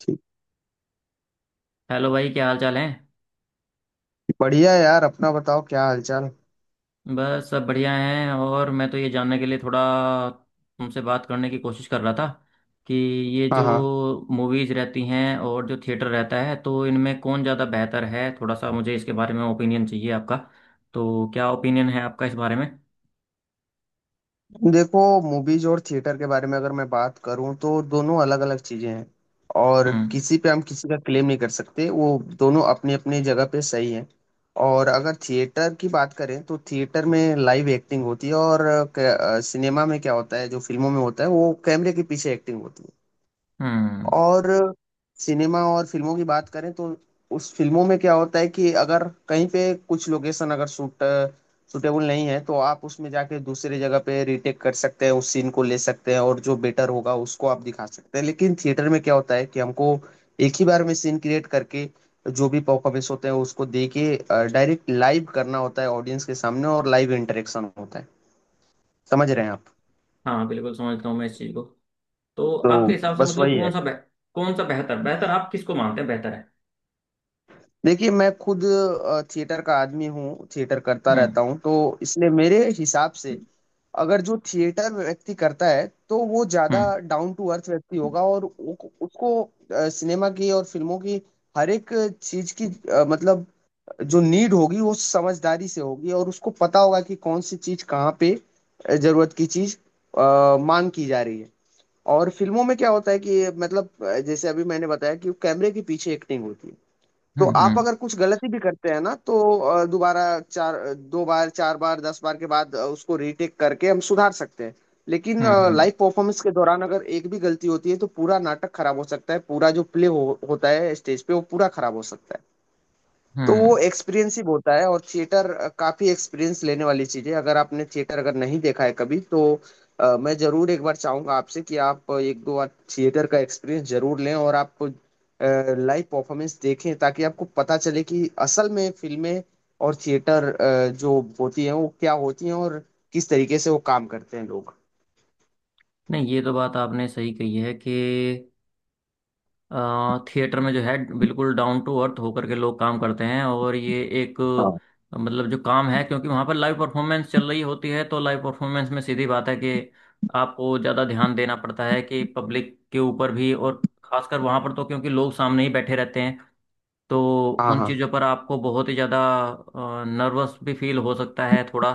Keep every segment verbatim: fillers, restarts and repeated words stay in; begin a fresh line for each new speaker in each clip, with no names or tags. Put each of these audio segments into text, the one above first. ठीक।
हेलो भाई, क्या हाल चाल है।
बढ़िया है यार। अपना बताओ क्या हालचाल।
बस सब बढ़िया हैं, और मैं तो ये जानने के लिए थोड़ा तुमसे बात करने की कोशिश कर रहा था कि ये
हाँ
जो
हाँ।
मूवीज़ रहती हैं और जो थिएटर रहता है, तो इनमें कौन ज़्यादा बेहतर है। थोड़ा सा मुझे इसके बारे में ओपिनियन चाहिए आपका। तो क्या ओपिनियन है आपका इस बारे में?
देखो, मूवीज और थिएटर के बारे में अगर मैं बात करूँ तो दोनों अलग अलग चीजें हैं। और
हम्म,
किसी पे हम किसी का क्लेम नहीं कर सकते, वो दोनों अपनी अपनी जगह पे सही हैं। और अगर थिएटर की बात करें तो थिएटर में लाइव एक्टिंग होती है। और सिनेमा में क्या होता है, जो फिल्मों में होता है वो कैमरे के पीछे एक्टिंग होती है।
हम्म।
और सिनेमा और फिल्मों की बात करें तो उस फिल्मों में क्या होता है कि अगर कहीं पे कुछ लोकेशन अगर सूट सूटेबल नहीं है तो आप उसमें जाके दूसरी जगह पे रीटेक कर सकते हैं, उस सीन को ले सकते हैं और जो बेटर होगा उसको आप दिखा सकते हैं। लेकिन थिएटर में क्या होता है कि हमको एक ही बार में सीन क्रिएट करके जो भी परफॉर्मेंस होते हैं उसको दे के डायरेक्ट लाइव करना होता है ऑडियंस के सामने, और लाइव इंटरेक्शन होता है। समझ रहे हैं आप।
हाँ, बिल्कुल समझता हूँ मैं इस चीज़ को। तो
तो
आपके हिसाब से,
बस
मतलब,
वही
कौन
है।
सा बेह- कौन सा बेहतर बेहतर आप किसको मानते हैं, बेहतर है?
देखिए, मैं खुद अ, थिएटर का आदमी हूँ, थिएटर करता
हम्म,
रहता हूँ, तो इसलिए मेरे हिसाब से अगर जो थिएटर व्यक्ति करता है तो वो ज्यादा
हम्म,
डाउन टू अर्थ व्यक्ति होगा। और उ- उसको अ, सिनेमा की और फिल्मों की हर एक चीज की अ, मतलब जो नीड होगी वो समझदारी से होगी, और उसको पता होगा कि कौन सी चीज कहाँ पे अ, जरूरत की चीज अ, मांग की जा रही है। और फिल्मों में क्या होता है कि मतलब अ, जैसे अभी मैंने बताया कि कैमरे के पीछे एक्टिंग होती है, तो
हम्म,
आप
हम्म,
अगर कुछ गलती भी करते हैं ना तो अ, दोबारा चार दो बार चार बार दस बार के बाद अ, उसको रीटेक करके हम सुधार सकते हैं। लेकिन
हम्म, हम्म,
लाइव परफॉर्मेंस के दौरान अगर एक भी गलती होती है तो पूरा नाटक खराब हो सकता है, पूरा जो प्ले हो, होता है स्टेज पे वो पूरा खराब हो सकता है। तो वो
हम्म।
एक्सपीरियंस ही होता है, और थिएटर काफी एक्सपीरियंस लेने वाली चीज है। अगर आपने थिएटर अगर नहीं देखा है कभी तो अ, मैं जरूर एक बार चाहूंगा आपसे कि आप एक दो बार थिएटर का एक्सपीरियंस जरूर लें और आप लाइव परफॉर्मेंस देखें, ताकि आपको पता चले कि असल में फिल्में और थिएटर अ, जो होती हैं वो क्या होती हैं और किस तरीके से वो काम करते हैं लोग।
नहीं, ये तो बात आपने सही कही है कि अ, थिएटर में जो है, बिल्कुल डाउन टू अर्थ होकर के लोग काम करते हैं, और ये एक
हाँ
अ, मतलब जो काम है, क्योंकि वहाँ पर लाइव परफॉर्मेंस चल रही होती है, तो लाइव परफॉर्मेंस में सीधी बात है कि आपको ज़्यादा ध्यान देना पड़ता है, कि पब्लिक के ऊपर भी, और खासकर वहाँ पर, तो क्योंकि लोग सामने ही बैठे रहते हैं, तो
हाँ।
उन
हाँ
चीज़ों पर आपको बहुत ही ज़्यादा नर्वस भी फील हो सकता है थोड़ा।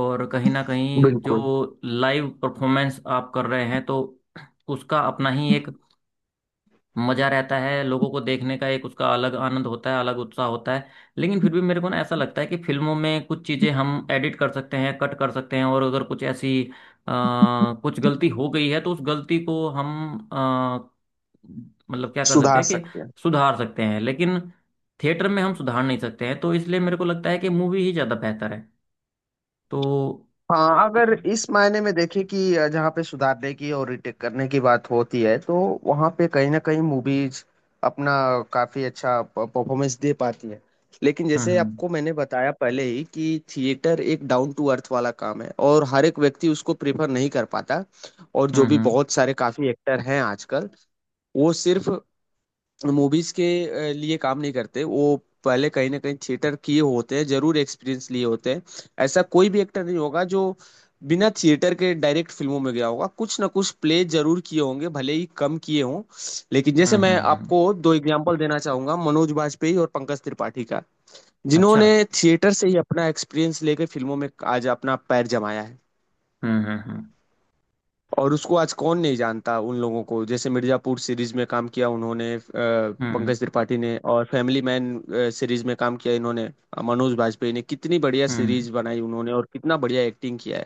और कहीं ना कहीं जो
बिल्कुल।
लाइव परफॉर्मेंस आप कर रहे हैं, तो उसका अपना ही एक मजा रहता है, लोगों को देखने का एक उसका अलग आनंद होता है, अलग उत्साह होता है। लेकिन फिर भी मेरे को ना ऐसा लगता है कि फिल्मों में कुछ चीज़ें हम एडिट कर सकते हैं, कट कर सकते हैं, और अगर कुछ ऐसी अ, कुछ गलती हो गई है, तो उस गलती को हम अ, मतलब क्या कर सकते
सुधार
हैं कि
सकते हैं।
सुधार सकते हैं। लेकिन थिएटर में हम सुधार नहीं सकते हैं, तो इसलिए मेरे को लगता है कि मूवी ही ज़्यादा बेहतर है। तो।
हाँ, अगर
हम्म,
इस मायने में देखें कि जहाँ पे सुधारने की और रिटेक करने की बात होती है, तो वहाँ पे कहीं ना कहीं मूवीज अपना काफी अच्छा परफॉर्मेंस दे पाती है। लेकिन जैसे
हम्म।
आपको मैंने बताया पहले ही कि थिएटर एक डाउन टू अर्थ वाला काम है, और हर एक व्यक्ति उसको प्रेफर नहीं कर पाता। और जो
हम्म,
भी
हम्म,
बहुत सारे काफी एक्टर हैं आजकल, वो सिर्फ मूवीज के अ, लिए काम नहीं करते, वो पहले कहीं ना कहीं थिएटर किए होते हैं, जरूर एक्सपीरियंस लिए होते हैं। ऐसा कोई भी एक्टर नहीं होगा जो बिना थिएटर के डायरेक्ट फिल्मों में गया होगा, कुछ ना कुछ प्ले जरूर किए होंगे भले ही कम किए हों। लेकिन
हम्म,
जैसे मैं
हम्म, हम्म,
आपको दो एग्जांपल देना चाहूंगा मनोज बाजपेयी और पंकज त्रिपाठी का,
अच्छा,
जिन्होंने थिएटर से ही अपना एक्सपीरियंस लेके फिल्मों में आज अपना पैर जमाया है।
हम्म, हम्म, हम्म,
और उसको आज कौन नहीं जानता उन लोगों को, जैसे मिर्जापुर सीरीज में काम किया उन्होंने अ,
हम्म,
पंकज त्रिपाठी ने, और फैमिली मैन सीरीज में काम किया इन्होंने अ, मनोज बाजपेयी ने, कितनी बढ़िया
हम्म।
सीरीज बनाई उन्होंने और कितना बढ़िया एक्टिंग किया है।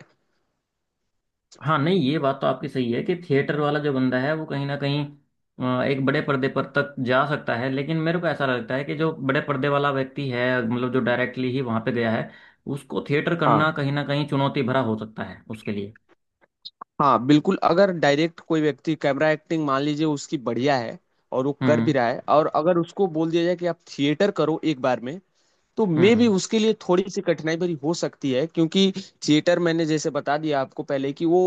हाँ, नहीं, ये बात तो आपकी सही है कि थिएटर वाला जो बंदा है, वो कहीं ना कहीं अ, एक बड़े पर्दे पर तक जा सकता है। लेकिन मेरे को ऐसा लगता है कि जो बड़े पर्दे वाला व्यक्ति है, मतलब जो डायरेक्टली ही वहां पे गया है, उसको थिएटर
हाँ
करना कहीं ना कहीं चुनौती भरा हो सकता है उसके लिए।
हाँ, बिल्कुल। अगर डायरेक्ट कोई व्यक्ति कैमरा एक्टिंग मान लीजिए उसकी बढ़िया है और वो कर भी
हम्म,
रहा है, और अगर उसको बोल दिया जाए कि आप थिएटर करो एक बार में, तो मे भी
हम्म,
उसके लिए थोड़ी सी कठिनाई भरी हो सकती है। क्योंकि थिएटर मैंने जैसे बता दिया आपको पहले कि वो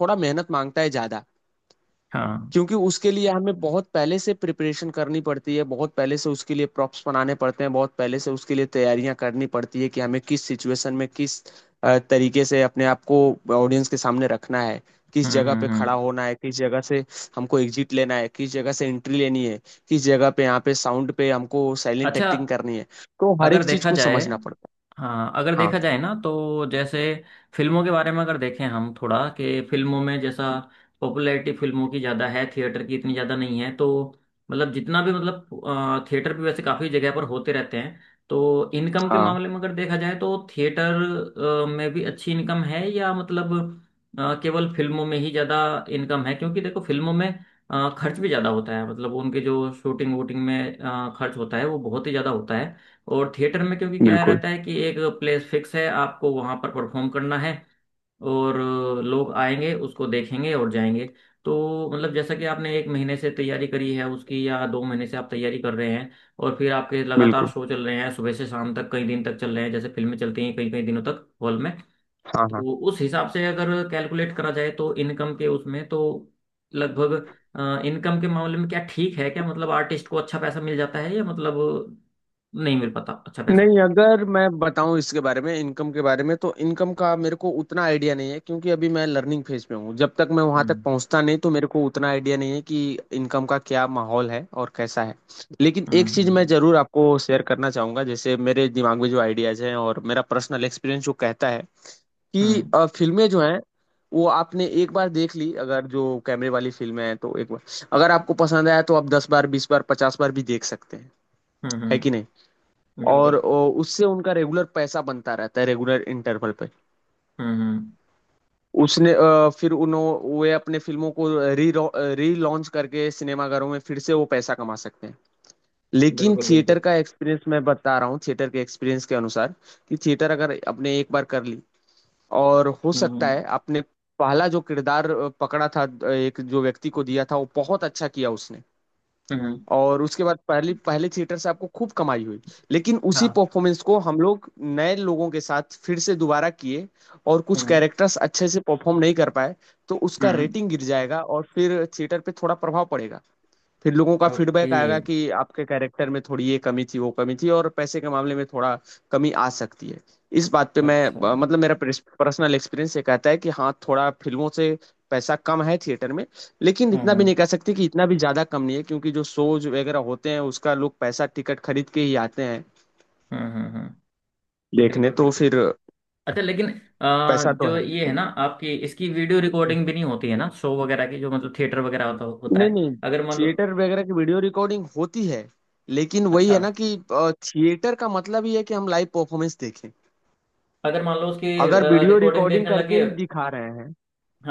थोड़ा मेहनत मांगता है ज्यादा,
हाँ,
क्योंकि उसके लिए हमें बहुत पहले से प्रिपरेशन करनी पड़ती है, बहुत पहले से उसके लिए प्रॉप्स बनाने पड़ते हैं, बहुत पहले से उसके लिए तैयारियां करनी पड़ती है कि हमें किस सिचुएशन में किस अ, तरीके से अपने आप को ऑडियंस के सामने रखना है, किस
हम्म,
जगह
हम्म,
पे खड़ा
हम्म,
होना है, किस जगह से हमको एग्जिट लेना है, किस जगह से एंट्री लेनी है, किस जगह पे यहाँ पे साउंड पे हमको साइलेंट
अच्छा।
एक्टिंग करनी है। तो हर
अगर
एक चीज
देखा
को
जाए,
समझना पड़ता है।
हाँ अगर
हाँ
देखा जाए ना, तो जैसे फिल्मों के बारे में अगर देखें हम थोड़ा, कि फिल्मों में जैसा, पॉपुलैरिटी फिल्मों की ज़्यादा है, थिएटर की इतनी ज़्यादा नहीं है, तो मतलब जितना भी, मतलब अ, थिएटर भी वैसे काफ़ी जगह पर होते रहते हैं। तो इनकम के
हाँ।
मामले में अगर देखा जाए तो थिएटर अ, में भी अच्छी इनकम है, या मतलब अ, केवल फिल्मों में ही ज़्यादा इनकम है, क्योंकि देखो फिल्मों में अ, खर्च भी ज़्यादा होता है, मतलब उनके जो शूटिंग वूटिंग में अ, खर्च होता है, वो बहुत ही ज़्यादा होता है। और थिएटर में, क्योंकि क्या
बिल्कुल
रहता है कि एक प्लेस फिक्स है, आपको वहां पर परफॉर्म करना है, और अ, लोग आएंगे, उसको देखेंगे और जाएंगे। तो मतलब, जैसा कि आपने एक महीने से तैयारी करी है उसकी, या दो महीने से आप तैयारी कर रहे हैं, और फिर आपके लगातार
बिल्कुल।
शो चल रहे हैं, सुबह से शाम तक कई दिन तक चल रहे हैं, जैसे फिल्में चलती हैं कई कई दिनों तक हॉल में।
हाँ हाँ।
तो उस हिसाब से अगर कैलकुलेट करा जाए, तो इनकम के उसमें तो लगभग, इनकम के मामले में क्या ठीक है, क्या मतलब आर्टिस्ट को अच्छा पैसा मिल जाता है, या मतलब नहीं मिल पाता अच्छा पैसा?
नहीं, अगर मैं बताऊं इसके बारे में, इनकम के बारे में, तो इनकम का मेरे को उतना आइडिया नहीं है, क्योंकि अभी मैं लर्निंग फेज में हूँ। जब तक मैं वहां तक
हम्म,
पहुंचता नहीं तो मेरे को उतना आइडिया नहीं है कि इनकम का क्या माहौल है और कैसा है। लेकिन
हम्म,
एक चीज मैं
हम्म,
जरूर आपको शेयर करना चाहूंगा, जैसे मेरे दिमाग में जो आइडियाज हैं और मेरा पर्सनल एक्सपीरियंस जो कहता है कि
हम्म,
अ, फिल्में जो हैं, वो आपने एक बार देख ली अगर, जो कैमरे वाली फिल्में हैं, तो एक बार अगर आपको पसंद आया तो आप दस बार बीस बार पचास बार भी देख सकते हैं।
हम्म,
है
हम्म,
कि नहीं।
हम्म,
और
बिल्कुल।
अ, उससे उनका रेगुलर पैसा बनता रहता है रेगुलर इंटरवल पे।
हम्म, हम्म,
उसने अ, फिर उन्होंने वे अपने फिल्मों को री री लॉन्च करके सिनेमाघरों में फिर से वो पैसा कमा सकते हैं। लेकिन
बिल्कुल
थिएटर
बिल्कुल।
का एक्सपीरियंस मैं बता रहा हूँ, थिएटर के एक्सपीरियंस के अनुसार कि थिएटर अगर आपने एक बार कर ली। और हो सकता
हम्म,
है आपने पहला जो किरदार अ, पकड़ा था अ, एक जो व्यक्ति को दिया था वो बहुत अच्छा किया उसने।
हम्म,
और उसके बाद पहली पहले थिएटर से आपको खूब कमाई हुई। लेकिन उसी
हाँ,
परफॉर्मेंस को हम लोग नए लोगों के साथ फिर से दोबारा किए, और कुछ
हम्म,
कैरेक्टर्स अच्छे से परफॉर्म नहीं कर पाए, तो उसका
हम्म,
रेटिंग गिर जाएगा और फिर थिएटर पे थोड़ा प्रभाव पड़ेगा। फिर लोगों का
ओके,
फीडबैक आएगा कि आपके कैरेक्टर में थोड़ी ये कमी थी वो कमी थी और पैसे के मामले में थोड़ा कमी आ सकती है। इस बात पे मैं
अच्छा, हम्म,
अ, मतलब मेरा पर्सनल एक्सपीरियंस ये कहता है कि हाँ थोड़ा फिल्मों से पैसा कम है थिएटर में। लेकिन इतना भी
हम्म,
नहीं कह सकते कि इतना भी ज्यादा कम नहीं है, क्योंकि जो शोज वगैरह होते हैं उसका लोग पैसा टिकट खरीद के ही आते हैं
हम्म, हम्म, हम्म,
देखने,
बिल्कुल
तो
बिल्कुल
फिर
बिल्कुल। अच्छा, लेकिन आ,
पैसा तो
जो
है।
ये है ना, आपकी, इसकी वीडियो रिकॉर्डिंग भी नहीं होती है ना, शो वगैरह की, जो मतलब थिएटर वगैरह होता होता
नहीं
है।
नहीं,
अगर मान लो,
थिएटर वगैरह की वीडियो रिकॉर्डिंग होती है, लेकिन वही
अच्छा,
है ना कि थिएटर का मतलब ही है कि हम लाइव परफॉर्मेंस देखें।
अगर मान लो उसकी
अगर वीडियो
रिकॉर्डिंग
रिकॉर्डिंग
देखने
करके
लगे,
ही दिखा रहे हैं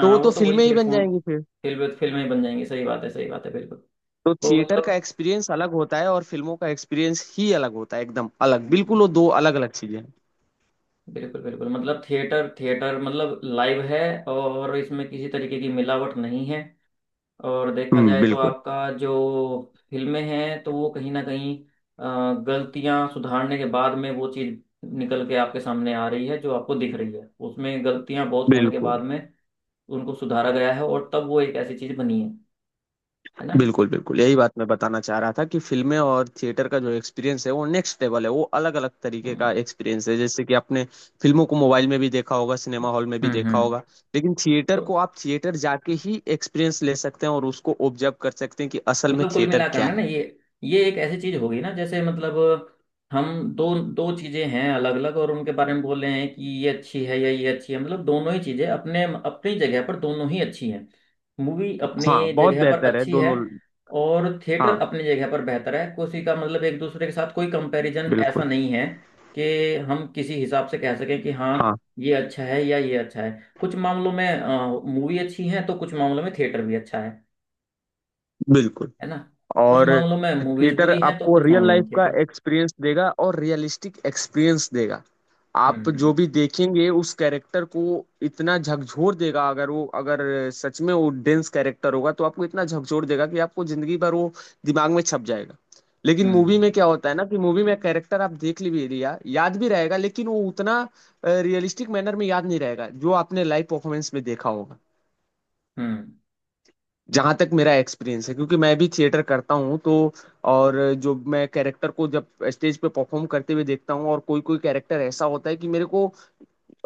तो वो
वो
तो
तो वही,
फिल्में ही
फिर
बन
फोन,
जाएंगी फिर।
फिल्म, फिल्में बन जाएंगी, सही बात है, सही बात है, बिल्कुल।
तो
तो
थिएटर का
मतलब।
एक्सपीरियंस अलग होता है और फिल्मों का एक्सपीरियंस ही अलग होता है, एकदम अलग
हम्म।
बिल्कुल। वो दो अलग अलग चीजें हैं।
बिल्कुल बिल्कुल, मतलब थिएटर, थिएटर मतलब लाइव है, और इसमें किसी तरीके की मिलावट नहीं है। और देखा
हम्म
जाए तो
बिल्कुल।
आपका जो फिल्में हैं, तो वो कहीं ना कहीं अ, गलतियां सुधारने के बाद में वो चीज़ निकल के आपके सामने आ रही है, जो आपको दिख रही है, उसमें गलतियां बहुत होने के बाद
बिल्कुल
में उनको सुधारा गया है, और तब वो एक ऐसी चीज़ बनी है है ना।
बिल्कुल। बिल्कुल, यही बात मैं बताना चाह रहा था कि फिल्में और थिएटर का जो एक्सपीरियंस है वो नेक्स्ट लेवल है, वो अलग अलग तरीके का
हम्म,
एक्सपीरियंस है। जैसे कि आपने फिल्मों को मोबाइल में भी देखा होगा सिनेमा हॉल में भी
हम्म,
देखा
हम्म।
होगा, लेकिन थिएटर
तो
को आप थिएटर जाके ही एक्सपीरियंस ले सकते हैं और उसको ऑब्जर्व कर सकते हैं कि असल में
मतलब कुल
थिएटर
मिलाकर
क्या
ना ना
है।
ये ये एक ऐसी चीज होगी ना, जैसे मतलब, हम, दो दो चीजें हैं अलग अलग, और उनके बारे में बोल रहे हैं कि ये अच्छी है या ये अच्छी है, मतलब दोनों ही चीजें अपने अपनी जगह पर दोनों ही अच्छी हैं। मूवी अपनी
हाँ, बहुत
जगह पर
बेहतर है
अच्छी है,
दोनों।
और थिएटर
हाँ
अपनी जगह पर बेहतर है, किसी का, मतलब एक दूसरे के साथ कोई कंपैरिजन ऐसा
बिल्कुल।
नहीं है, कि हम किसी हिसाब से कह सकें कि हाँ,
हाँ
ये अच्छा है या ये अच्छा है। कुछ मामलों में मूवी अच्छी है, तो कुछ मामलों में थिएटर भी अच्छा है
बिल्कुल।
है ना। कुछ
और
मामलों में मूवीज
थिएटर
बुरी हैं, तो
आपको
कुछ
रियल
मामलों
लाइफ
में
का
थिएटर।
एक्सपीरियंस देगा और रियलिस्टिक एक्सपीरियंस देगा। आप जो
हम्म,
भी देखेंगे उस कैरेक्टर को, इतना झकझोर देगा, अगर वो अगर सच में वो डेंस कैरेक्टर होगा तो आपको इतना झकझोर देगा कि आपको जिंदगी भर वो दिमाग में छप जाएगा। लेकिन मूवी में
हम्म,
क्या होता है ना कि मूवी में कैरेक्टर आप देख भी लिया, याद भी रहेगा, लेकिन वो उतना रियलिस्टिक मैनर में याद नहीं रहेगा जो आपने लाइव परफॉर्मेंस में देखा होगा।
हम्म,
जहाँ तक मेरा एक्सपीरियंस है, क्योंकि मैं भी थिएटर करता हूँ, तो और जो मैं कैरेक्टर को जब स्टेज पे परफॉर्म करते हुए देखता हूँ, और कोई कोई कैरेक्टर ऐसा होता है कि मेरे को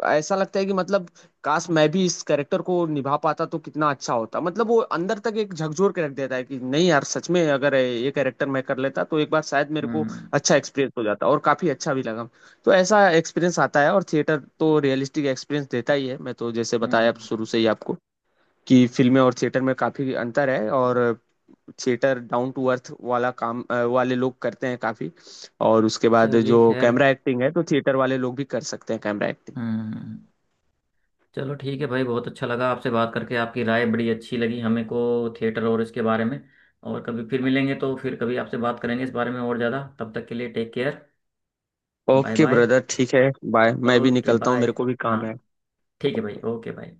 ऐसा लगता है कि मतलब काश मैं भी इस कैरेक्टर को निभा पाता तो कितना अच्छा होता, मतलब वो अंदर तक एक झकझोर के रख देता है कि नहीं यार, सच में अगर ये कैरेक्टर मैं कर लेता तो एक बार शायद मेरे
हम्म,
को
हम्म,
अच्छा एक्सपीरियंस हो जाता और काफी अच्छा भी लगा। तो ऐसा एक्सपीरियंस आता है। और थिएटर तो रियलिस्टिक एक्सपीरियंस देता ही है, मैं तो जैसे
हम्म,
बताया अब शुरू
हम्म।
से ही आपको कि फिल्में और थिएटर में काफी अंतर है। और थिएटर डाउन टू अर्थ वाला काम अ, वाले लोग करते हैं काफी। और उसके बाद
चलिए
जो
खैर,
कैमरा एक्टिंग है तो थिएटर वाले लोग भी कर सकते हैं कैमरा एक्टिंग।
हम्म, चलो ठीक है भाई, बहुत अच्छा लगा आपसे बात करके, आपकी राय बड़ी अच्छी लगी हमें को, थिएटर और इसके बारे में। और कभी फिर मिलेंगे तो फिर कभी आपसे बात करेंगे इस बारे में और ज़्यादा। तब तक के लिए take care. Bye
okay
bye.
Brother, ठीक है। बाय, मैं भी
ओके
निकलता हूँ,
बाय।
मेरे को भी
हाँ।
काम
ठीक है भाई,
है।
Okay bye.